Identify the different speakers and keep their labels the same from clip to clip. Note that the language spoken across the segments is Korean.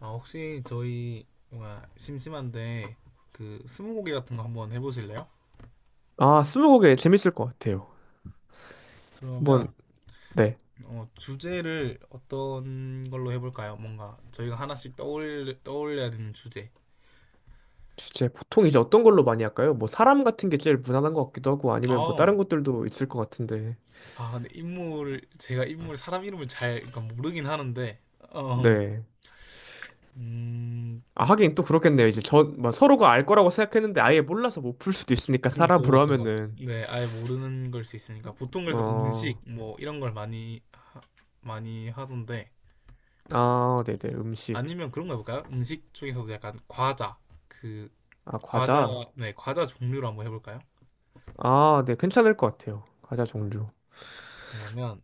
Speaker 1: 아, 혹시 저희 뭔가 심심한데 그 스무고개 같은 거 한번 해보실래요?
Speaker 2: 아, 스무고개 재밌을 것 같아요. 한번,
Speaker 1: 그러면
Speaker 2: 네.
Speaker 1: 주제를 어떤 걸로 해볼까요? 뭔가 저희가 하나씩 떠올려야 되는 주제.
Speaker 2: 주제, 보통 이제 어떤 걸로 많이 할까요? 뭐, 사람 같은 게 제일 무난한 것 같기도 하고, 아니면 뭐,
Speaker 1: 어.
Speaker 2: 다른 것들도 있을 것 같은데.
Speaker 1: 아, 근데 인물 제가 인물 사람 이름을 잘 그러니까 모르긴 하는데 어,
Speaker 2: 네.
Speaker 1: 음
Speaker 2: 아, 하긴 또 그렇겠네요. 이제 저, 뭐, 서로가 알 거라고 생각했는데, 아예 몰라서 못 풀 수도 있으니까,
Speaker 1: 그렇죠,
Speaker 2: 사람으로
Speaker 1: 그렇죠.
Speaker 2: 하면은.
Speaker 1: 네, 아예 모르는 걸 수 있으니까 보통 그래서
Speaker 2: 어,
Speaker 1: 음식 뭐 이런 걸 많이 하던데.
Speaker 2: 아, 네네. 음식.
Speaker 1: 아니면 그런 거 해볼까요? 음식 쪽에서도 약간 그
Speaker 2: 아,
Speaker 1: 과자.
Speaker 2: 과자.
Speaker 1: 네, 과자 종류로 한번 해볼까요?
Speaker 2: 아, 네. 괜찮을 것 같아요. 과자 종류.
Speaker 1: 그러면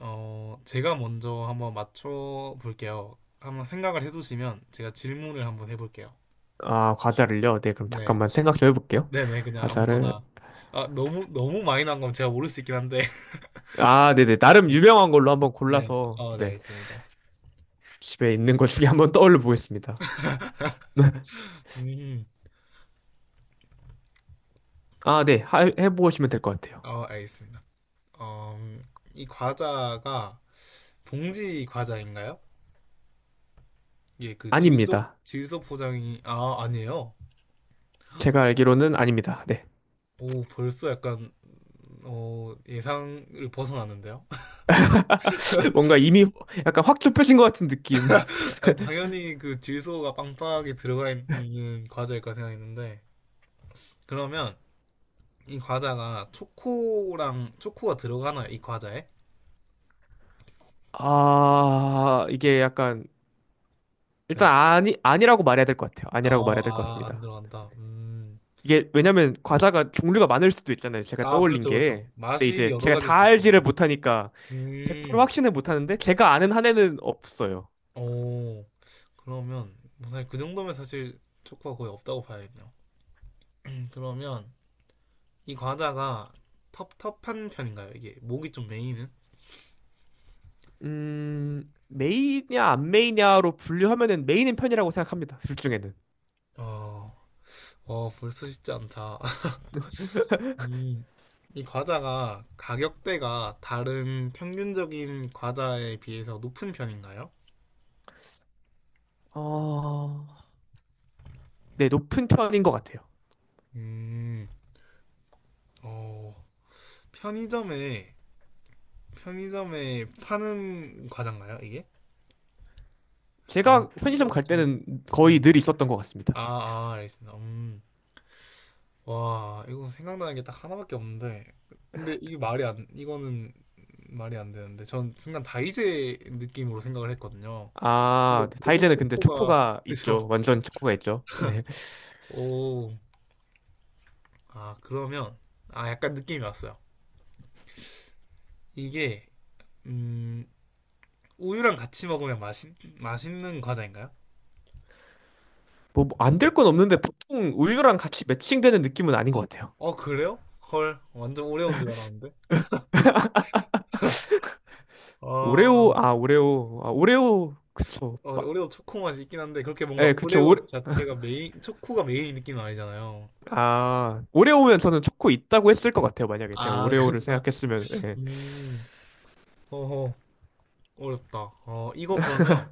Speaker 1: 제가 먼저 한번 맞춰 볼게요. 한번 생각을 해두시면 제가 질문을 한번 해볼게요.
Speaker 2: 아, 과자를요? 네. 그럼
Speaker 1: 네,
Speaker 2: 잠깐만 생각 좀 해볼게요.
Speaker 1: 네네, 그냥
Speaker 2: 과자를.
Speaker 1: 아무거나. 아, 너무 너무 많이 난 거면 제가 모를 수 있긴 한데
Speaker 2: 아, 네네. 나름 유명한 걸로 한번
Speaker 1: 네,
Speaker 2: 골라서,
Speaker 1: 네,
Speaker 2: 네.
Speaker 1: 알겠습니다.
Speaker 2: 집에 있는 것 중에 한번 떠올려 보겠습니다.
Speaker 1: 음,
Speaker 2: 아, 네. 하- 해보시면 될 것 같아요.
Speaker 1: 알겠습니다. 어, 음, 이 과자가 봉지 과자인가요? 예, 그 질소,
Speaker 2: 아닙니다.
Speaker 1: 질소 포장이, 아, 아니에요.
Speaker 2: 제가 알기로는 아닙니다. 네.
Speaker 1: 오, 벌써 약간, 예상을 벗어나는데요?
Speaker 2: 뭔가 이미 약간 확 좁혀진 것 같은 느낌.
Speaker 1: 아, 당연히 그 질소가 빵빵하게 들어가 있는 과자일 까 생각했는데, 그러면 이 과자가 초코가 들어가나요? 이 과자에?
Speaker 2: 아, 이게 약간
Speaker 1: 네.
Speaker 2: 일단 아니 아니라고 말해야 될 것 같아요. 아니라고 말해야 될 것
Speaker 1: 안
Speaker 2: 같습니다.
Speaker 1: 들어간다. 음.
Speaker 2: 이게 왜냐면 과자가 종류가 많을 수도 있잖아요. 제가
Speaker 1: 아,
Speaker 2: 떠올린
Speaker 1: 그렇죠, 그렇죠.
Speaker 2: 게. 근데
Speaker 1: 맛이
Speaker 2: 이제
Speaker 1: 여러
Speaker 2: 제가
Speaker 1: 가지일
Speaker 2: 다
Speaker 1: 수 있습니다.
Speaker 2: 알지를 못하니까 100%
Speaker 1: 음.
Speaker 2: 확신을 못하는데 제가 아는 한에는 없어요.
Speaker 1: 오, 그러면, 뭐 사실 그 정도면 사실 초코가 거의 없다고 봐야겠네요. 그러면 이 과자가 텁텁한 편인가요? 이게 목이 좀 메이는?
Speaker 2: 메이냐 안 메이냐로 분류하면은 메이는 편이라고 생각합니다. 둘 중에는.
Speaker 1: 어, 벌써 쉽지 않다. 이 이 과자가 가격대가 다른 평균적인 과자에 비해서 높은 편인가요?
Speaker 2: 어, 네, 높은 편인 것 같아요.
Speaker 1: 음, 어, 편의점에, 편의점에 파는 과자인가요, 이게? 아,
Speaker 2: 제가 편의점
Speaker 1: 이건
Speaker 2: 갈
Speaker 1: 좀,
Speaker 2: 때는
Speaker 1: 네.
Speaker 2: 거의 늘 있었던 것 같습니다.
Speaker 1: 아, 알겠습니다. 와, 이거 생각나는 게 딱 하나밖에 없는데. 근데 이게 말이 안, 이거는 말이 안 되는데. 전 순간 다이제 느낌으로 생각을 했거든요. 근데
Speaker 2: 아, 네,
Speaker 1: 너무
Speaker 2: 다이제는 근데
Speaker 1: 초코가
Speaker 2: 초코가
Speaker 1: 그래서.
Speaker 2: 있죠. 완전 초코가 있죠. 네.
Speaker 1: 오, 아, 그러면 아, 약간 느낌이 왔어요. 이게 음 우유랑 같이 먹으면 맛있는 과자인가요?
Speaker 2: 뭐, 뭐, 안 될 건 없는데 보통 우유랑 같이 매칭되는 느낌은 아닌 것 같아요.
Speaker 1: 어, 그래요? 헐, 완전 오레오인 줄 알았는데. 아,
Speaker 2: 오레오, 아, 오레오, 아, 오레오, 그쵸.
Speaker 1: 근데
Speaker 2: 막,
Speaker 1: 오레오 초코 맛이 있긴 한데 그렇게 뭔가
Speaker 2: 예, 그쵸. 오레,
Speaker 1: 오레오 자체가 메인, 초코가 메인 느낌은 아니잖아요.
Speaker 2: 아, 오레오면 저는 초코 있다고 했을 것 같아요. 만약에 제가
Speaker 1: 아,
Speaker 2: 오레오를
Speaker 1: 그렇구나.
Speaker 2: 생각했으면, 예.
Speaker 1: 음, 허허, 어렵다. 이거 그러면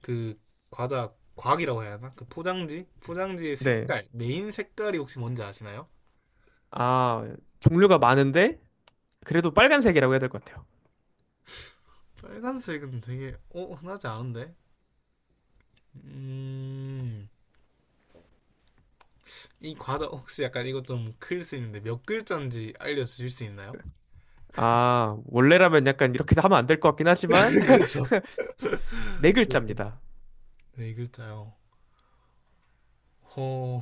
Speaker 1: 그 과자 과학이라고 해야 하나? 포장지의
Speaker 2: 네.
Speaker 1: 색깔, 메인 색깔이 혹시 뭔지 아시나요?
Speaker 2: 아, 종류가 많은데 그래도 빨간색이라고 해야 될 것 같아요.
Speaker 1: 빨간색은 되게 흔하지 않은데? 음, 이 과자 혹시 약간 이것 좀 클 수 있는데 몇 글자인지 알려주실 수 있나요?
Speaker 2: 아, 원래라면 약간 이렇게 하면 안 될 것 같긴 하지만
Speaker 1: 그렇죠.
Speaker 2: 네
Speaker 1: 그렇죠.
Speaker 2: 글자입니다.
Speaker 1: 네 글자요. 허,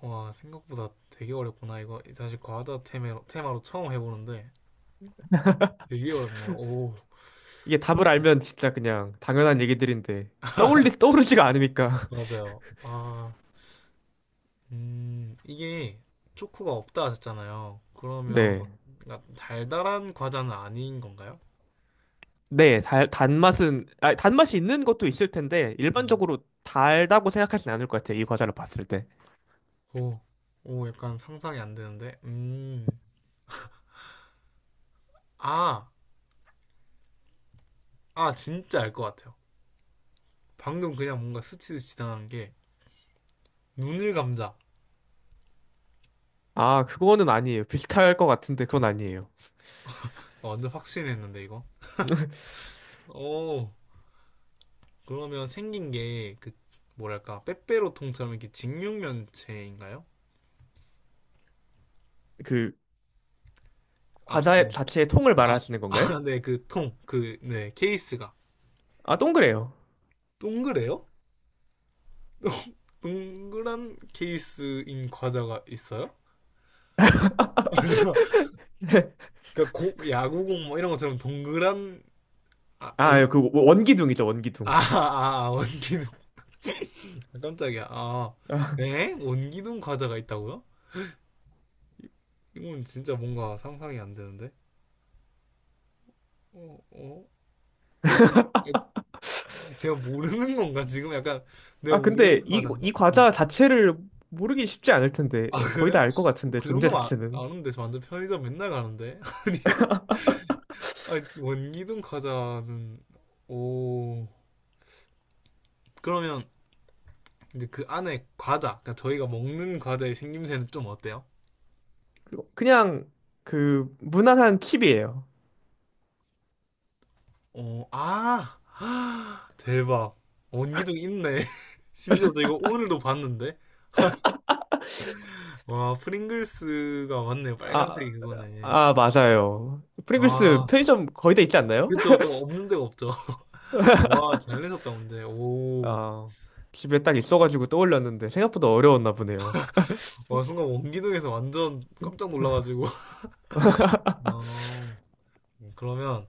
Speaker 1: 와, 생각보다 되게 어렵구나, 이거. 사실 과자 테마로 처음 해보는데 되게 어렵네요. 오,
Speaker 2: 이게 답을 알면 진짜 그냥 당연한 얘기들인데 떠올리 떠오르지가 않으니까.
Speaker 1: 맞아요. 아, 이게 초코가 없다 하셨잖아요. 그러면
Speaker 2: 네.
Speaker 1: 뭔가 달달한 과자는 아닌 건가요?
Speaker 2: 네, 달, 단맛은 아, 단맛이 있는 것도 있을 텐데
Speaker 1: 네.
Speaker 2: 일반적으로 달다고 생각하진 않을 것 같아요. 이 과자를 봤을 때.
Speaker 1: 오, 오, 약간 상상이 안 되는데. 아, 아, 진짜 알 것 같아요. 방금 그냥 뭔가 스치듯 지나간 게 눈을 감자.
Speaker 2: 아, 그거는 아니에요. 비슷할 것 같은데 그건 아니에요.
Speaker 1: 완전 확신했는데 이거. 오, 그러면 생긴 게 그 뭐랄까 빼빼로 통처럼 이렇게 직육면체인가요?
Speaker 2: 그
Speaker 1: 아,
Speaker 2: 과자
Speaker 1: 네.
Speaker 2: 자체의 통을
Speaker 1: 아,
Speaker 2: 말하시는 건가요?
Speaker 1: 아, 네, 그 통, 네, 케이스가
Speaker 2: 아, 동그래요.
Speaker 1: 동그래요? 동그란 케이스인 과자가 있어요? 아, 잠깐. 그러니까 야구공 뭐 이런 것처럼 동그란. 아, 아니?
Speaker 2: 아, 그 원기둥이죠,
Speaker 1: 아,
Speaker 2: 원기둥.
Speaker 1: 아, 아, 원기둥. 깜짝이야. 아, 네? 원기둥 과자가 있다고요? 이건 진짜 뭔가 상상이 안 되는데. 어, 어? 에, 제가 모르는 건가? 지금 약간 내가
Speaker 2: 아,
Speaker 1: 모르는
Speaker 2: 근데 이,
Speaker 1: 과자인가?
Speaker 2: 이
Speaker 1: 네.
Speaker 2: 과자 자체를 모르기 쉽지 않을 텐데,
Speaker 1: 아,
Speaker 2: 거의
Speaker 1: 그래요?
Speaker 2: 다 알 것 같은데,
Speaker 1: 그
Speaker 2: 존재
Speaker 1: 정도면 아,
Speaker 2: 자체는.
Speaker 1: 아는데 저 완전 편의점 맨날 가는데. 아니, 아니 원기둥 과자는. 오. 그러면 근데 그러니까 저희가 먹는 과자의 생김새는 좀 어때요?
Speaker 2: 그냥, 그, 무난한 칩이에요.
Speaker 1: 어, 아, 대박. 원기둥 있네. 심지어 저 이거 오늘도 봤는데. 와, 프링글스가 맞네요.
Speaker 2: 아,
Speaker 1: 빨간색이 그거네.
Speaker 2: 아, 맞아요. 프링글스
Speaker 1: 아,
Speaker 2: 편의점 거의 다 있지 않나요?
Speaker 1: 그쵸. 좀 없는 데가 없죠. 와, 잘 내셨다, 문제. 오.
Speaker 2: 아, 집에 딱 있어가지고 떠올렸는데, 생각보다 어려웠나 보네요.
Speaker 1: 와, 순간 원기둥에서 완전 깜짝 놀라가지고. 아, 그러면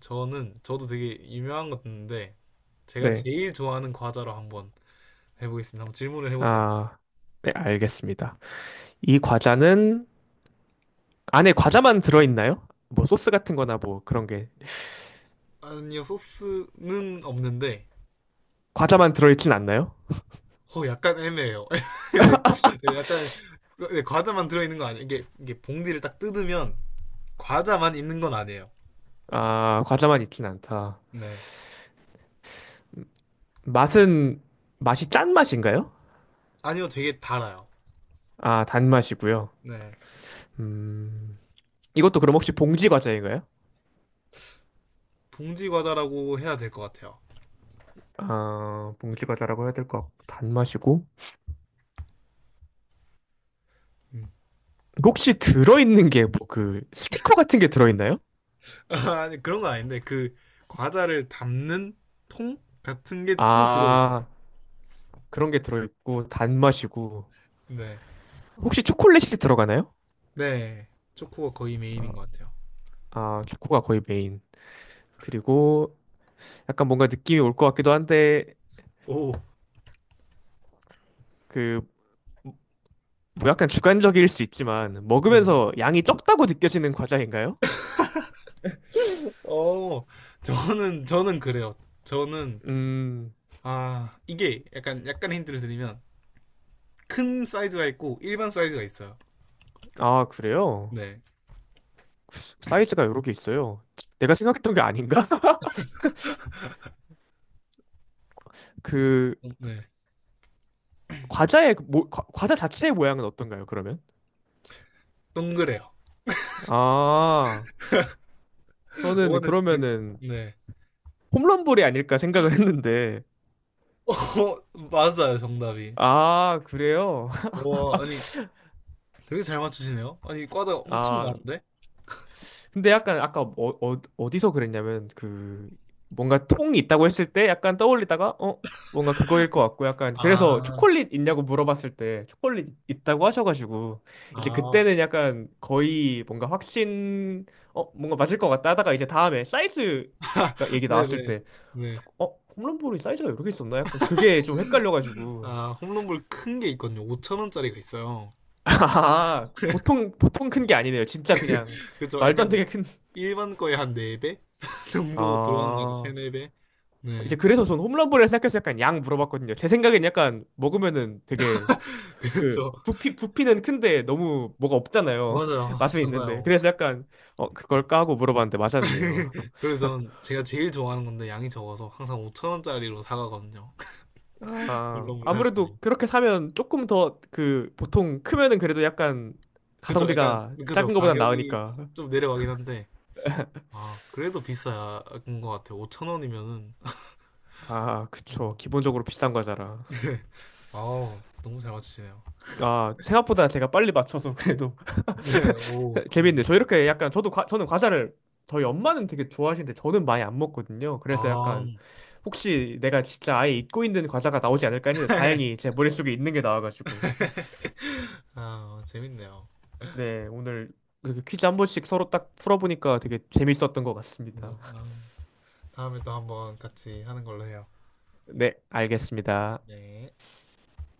Speaker 1: 저도 되게 유명한 것 같은데, 제가
Speaker 2: 네.
Speaker 1: 제일 좋아하는 과자로 한번 해보겠습니다. 한번 질문을 해보세요.
Speaker 2: 아, 네, 알겠습니다. 이 과자는, 안에 과자만 들어있나요? 뭐, 소스 같은 거나 뭐, 그런 게.
Speaker 1: 아니요, 소스는 없는데,
Speaker 2: 과자만 들어있진 않나요?
Speaker 1: 약간 애매해요. 네, 약간, 네, 과자만 들어있는 거 아니에요. 이게 봉지를 딱 뜯으면, 과자만 있는 건 아니에요.
Speaker 2: 아, 과자만 있진 않다.
Speaker 1: 네.
Speaker 2: 맛은 맛이 짠 맛인가요?
Speaker 1: 아니요, 되게 달아요.
Speaker 2: 아, 단맛이고요.
Speaker 1: 네.
Speaker 2: 음, 이것도 그럼 혹시 봉지 과자인가요?
Speaker 1: 봉지 과자라고 해야 될 것 같아요.
Speaker 2: 아, 봉지 과자라고 해야 될 것 같고 단맛이고
Speaker 1: 음.
Speaker 2: 혹시 들어있는 게 뭐 그 스티커 같은 게 들어있나요?
Speaker 1: 아니, 그런 건 아닌데, 과자를 담는 통 같은 게 또 들어있어요.
Speaker 2: 아, 그런 게 들어있고 단맛이고
Speaker 1: 네.
Speaker 2: 혹시 초콜릿이 들어가나요?
Speaker 1: 네. 초코가 거의
Speaker 2: 아,
Speaker 1: 메인인 것 같아요.
Speaker 2: 아, 초코가 거의 메인. 그리고 약간 뭔가 느낌이 올 것 같기도 한데
Speaker 1: 오,
Speaker 2: 그 뭐 약간 주관적일 수 있지만
Speaker 1: 네네.
Speaker 2: 먹으면서 양이 적다고 느껴지는 과자인가요?
Speaker 1: 어, 저는 그래요. 저는,
Speaker 2: 음.
Speaker 1: 아, 이게 약간, 힌트를 드리면, 큰 사이즈가 있고, 일반 사이즈가 있어요.
Speaker 2: 아, 그래요?
Speaker 1: 네.
Speaker 2: 사이즈가 여러 개 있어요. 내가 생각했던 게 아닌가? 그
Speaker 1: 네.
Speaker 2: 과자의 그 과자 자체의 모양은 어떤가요, 그러면?
Speaker 1: 동그래요.
Speaker 2: 아, 저는
Speaker 1: 요거는, 드-
Speaker 2: 그러면은
Speaker 1: 네.
Speaker 2: 홈런볼이 아닐까 생각을 했는데.
Speaker 1: 어, 맞아요, 정답이.
Speaker 2: 아, 그래요?
Speaker 1: 와, 아니, 되게 잘 맞추시네요. 아니, 과자 엄청
Speaker 2: 아,
Speaker 1: 많은데?
Speaker 2: 근데 약간 아까 디서 그랬냐면 그 뭔가 통이 있다고 했을 때 약간 떠올리다가 뭔가 그거일 것 같고 약간 그래서
Speaker 1: 아,
Speaker 2: 초콜릿 있냐고 물어봤을 때 초콜릿 있다고 하셔가지고 이제
Speaker 1: 아.
Speaker 2: 그때는 약간 거의 뭔가 확신 뭔가 맞을 것 같다 하다가 이제 다음에 사이즈가 얘기 나왔을
Speaker 1: 네네.
Speaker 2: 때
Speaker 1: 네.
Speaker 2: 어? 홈런볼이 사이즈가 이렇게 있었나? 약간 그게 좀 헷갈려가지고
Speaker 1: 아, 홈런볼 큰 게 있거든요. 5천원짜리가 있어요.
Speaker 2: 아 보통 큰 게 아니네요 진짜 그냥
Speaker 1: 그죠?
Speaker 2: 말도 안
Speaker 1: 약간,
Speaker 2: 되게 큰
Speaker 1: 일반 거의 한 4배? 정도 들어가는 것 같아요. 3,
Speaker 2: 아
Speaker 1: 4배?
Speaker 2: 이제
Speaker 1: 네.
Speaker 2: 그래서 전 홈런볼을 생각해서 약간 양 물어봤거든요. 제 생각엔 약간 먹으면은 되게 그
Speaker 1: 그렇죠.
Speaker 2: 부피는 큰데 너무 뭐가 없잖아요.
Speaker 1: 맞아요. 아,
Speaker 2: 맛은 있는데
Speaker 1: 작아요.
Speaker 2: 그래서 약간 그걸까 하고 물어봤는데 맞았네요.
Speaker 1: 그래서 제가 제일 좋아하는 건데 양이 적어서 항상 5천원짜리로 사가거든요.
Speaker 2: 아
Speaker 1: 올라물 살 때.
Speaker 2: 아무래도 그렇게 사면 조금 더 그 보통 크면은 그래도 약간
Speaker 1: 그죠? 약간,
Speaker 2: 가성비가
Speaker 1: 그죠?
Speaker 2: 작은 거보단
Speaker 1: 가격이
Speaker 2: 나으니까.
Speaker 1: 좀 내려가긴 한데, 아, 그래도 비싼 것 같아요. 5천원이면은.
Speaker 2: 아, 그쵸. 기본적으로 비싼 과자라.
Speaker 1: 아, 너무 잘 맞추시네요.
Speaker 2: 아, 생각보다 제가 빨리 맞춰서 그래도
Speaker 1: 네, 오,
Speaker 2: 그, 재밌네. 저
Speaker 1: 그렇네요.
Speaker 2: 이렇게 약간 저도 저는 과자를 저희 엄마는 되게 좋아하시는데 저는 많이 안 먹거든요. 그래서
Speaker 1: 아,
Speaker 2: 약간 혹시 내가 진짜 아예 잊고 있는 과자가 나오지 않을까 했는데 다행히 제 머릿속에 있는 게 나와가지고.
Speaker 1: 아, 재밌네요.
Speaker 2: 네, 오늘 이렇게 퀴즈 한 번씩 서로 딱 풀어보니까 되게 재밌었던 것
Speaker 1: 그죠?
Speaker 2: 같습니다.
Speaker 1: 아, 다음에 또 한번 같이 하는 걸로 해요.
Speaker 2: 네, 알겠습니다.
Speaker 1: 네.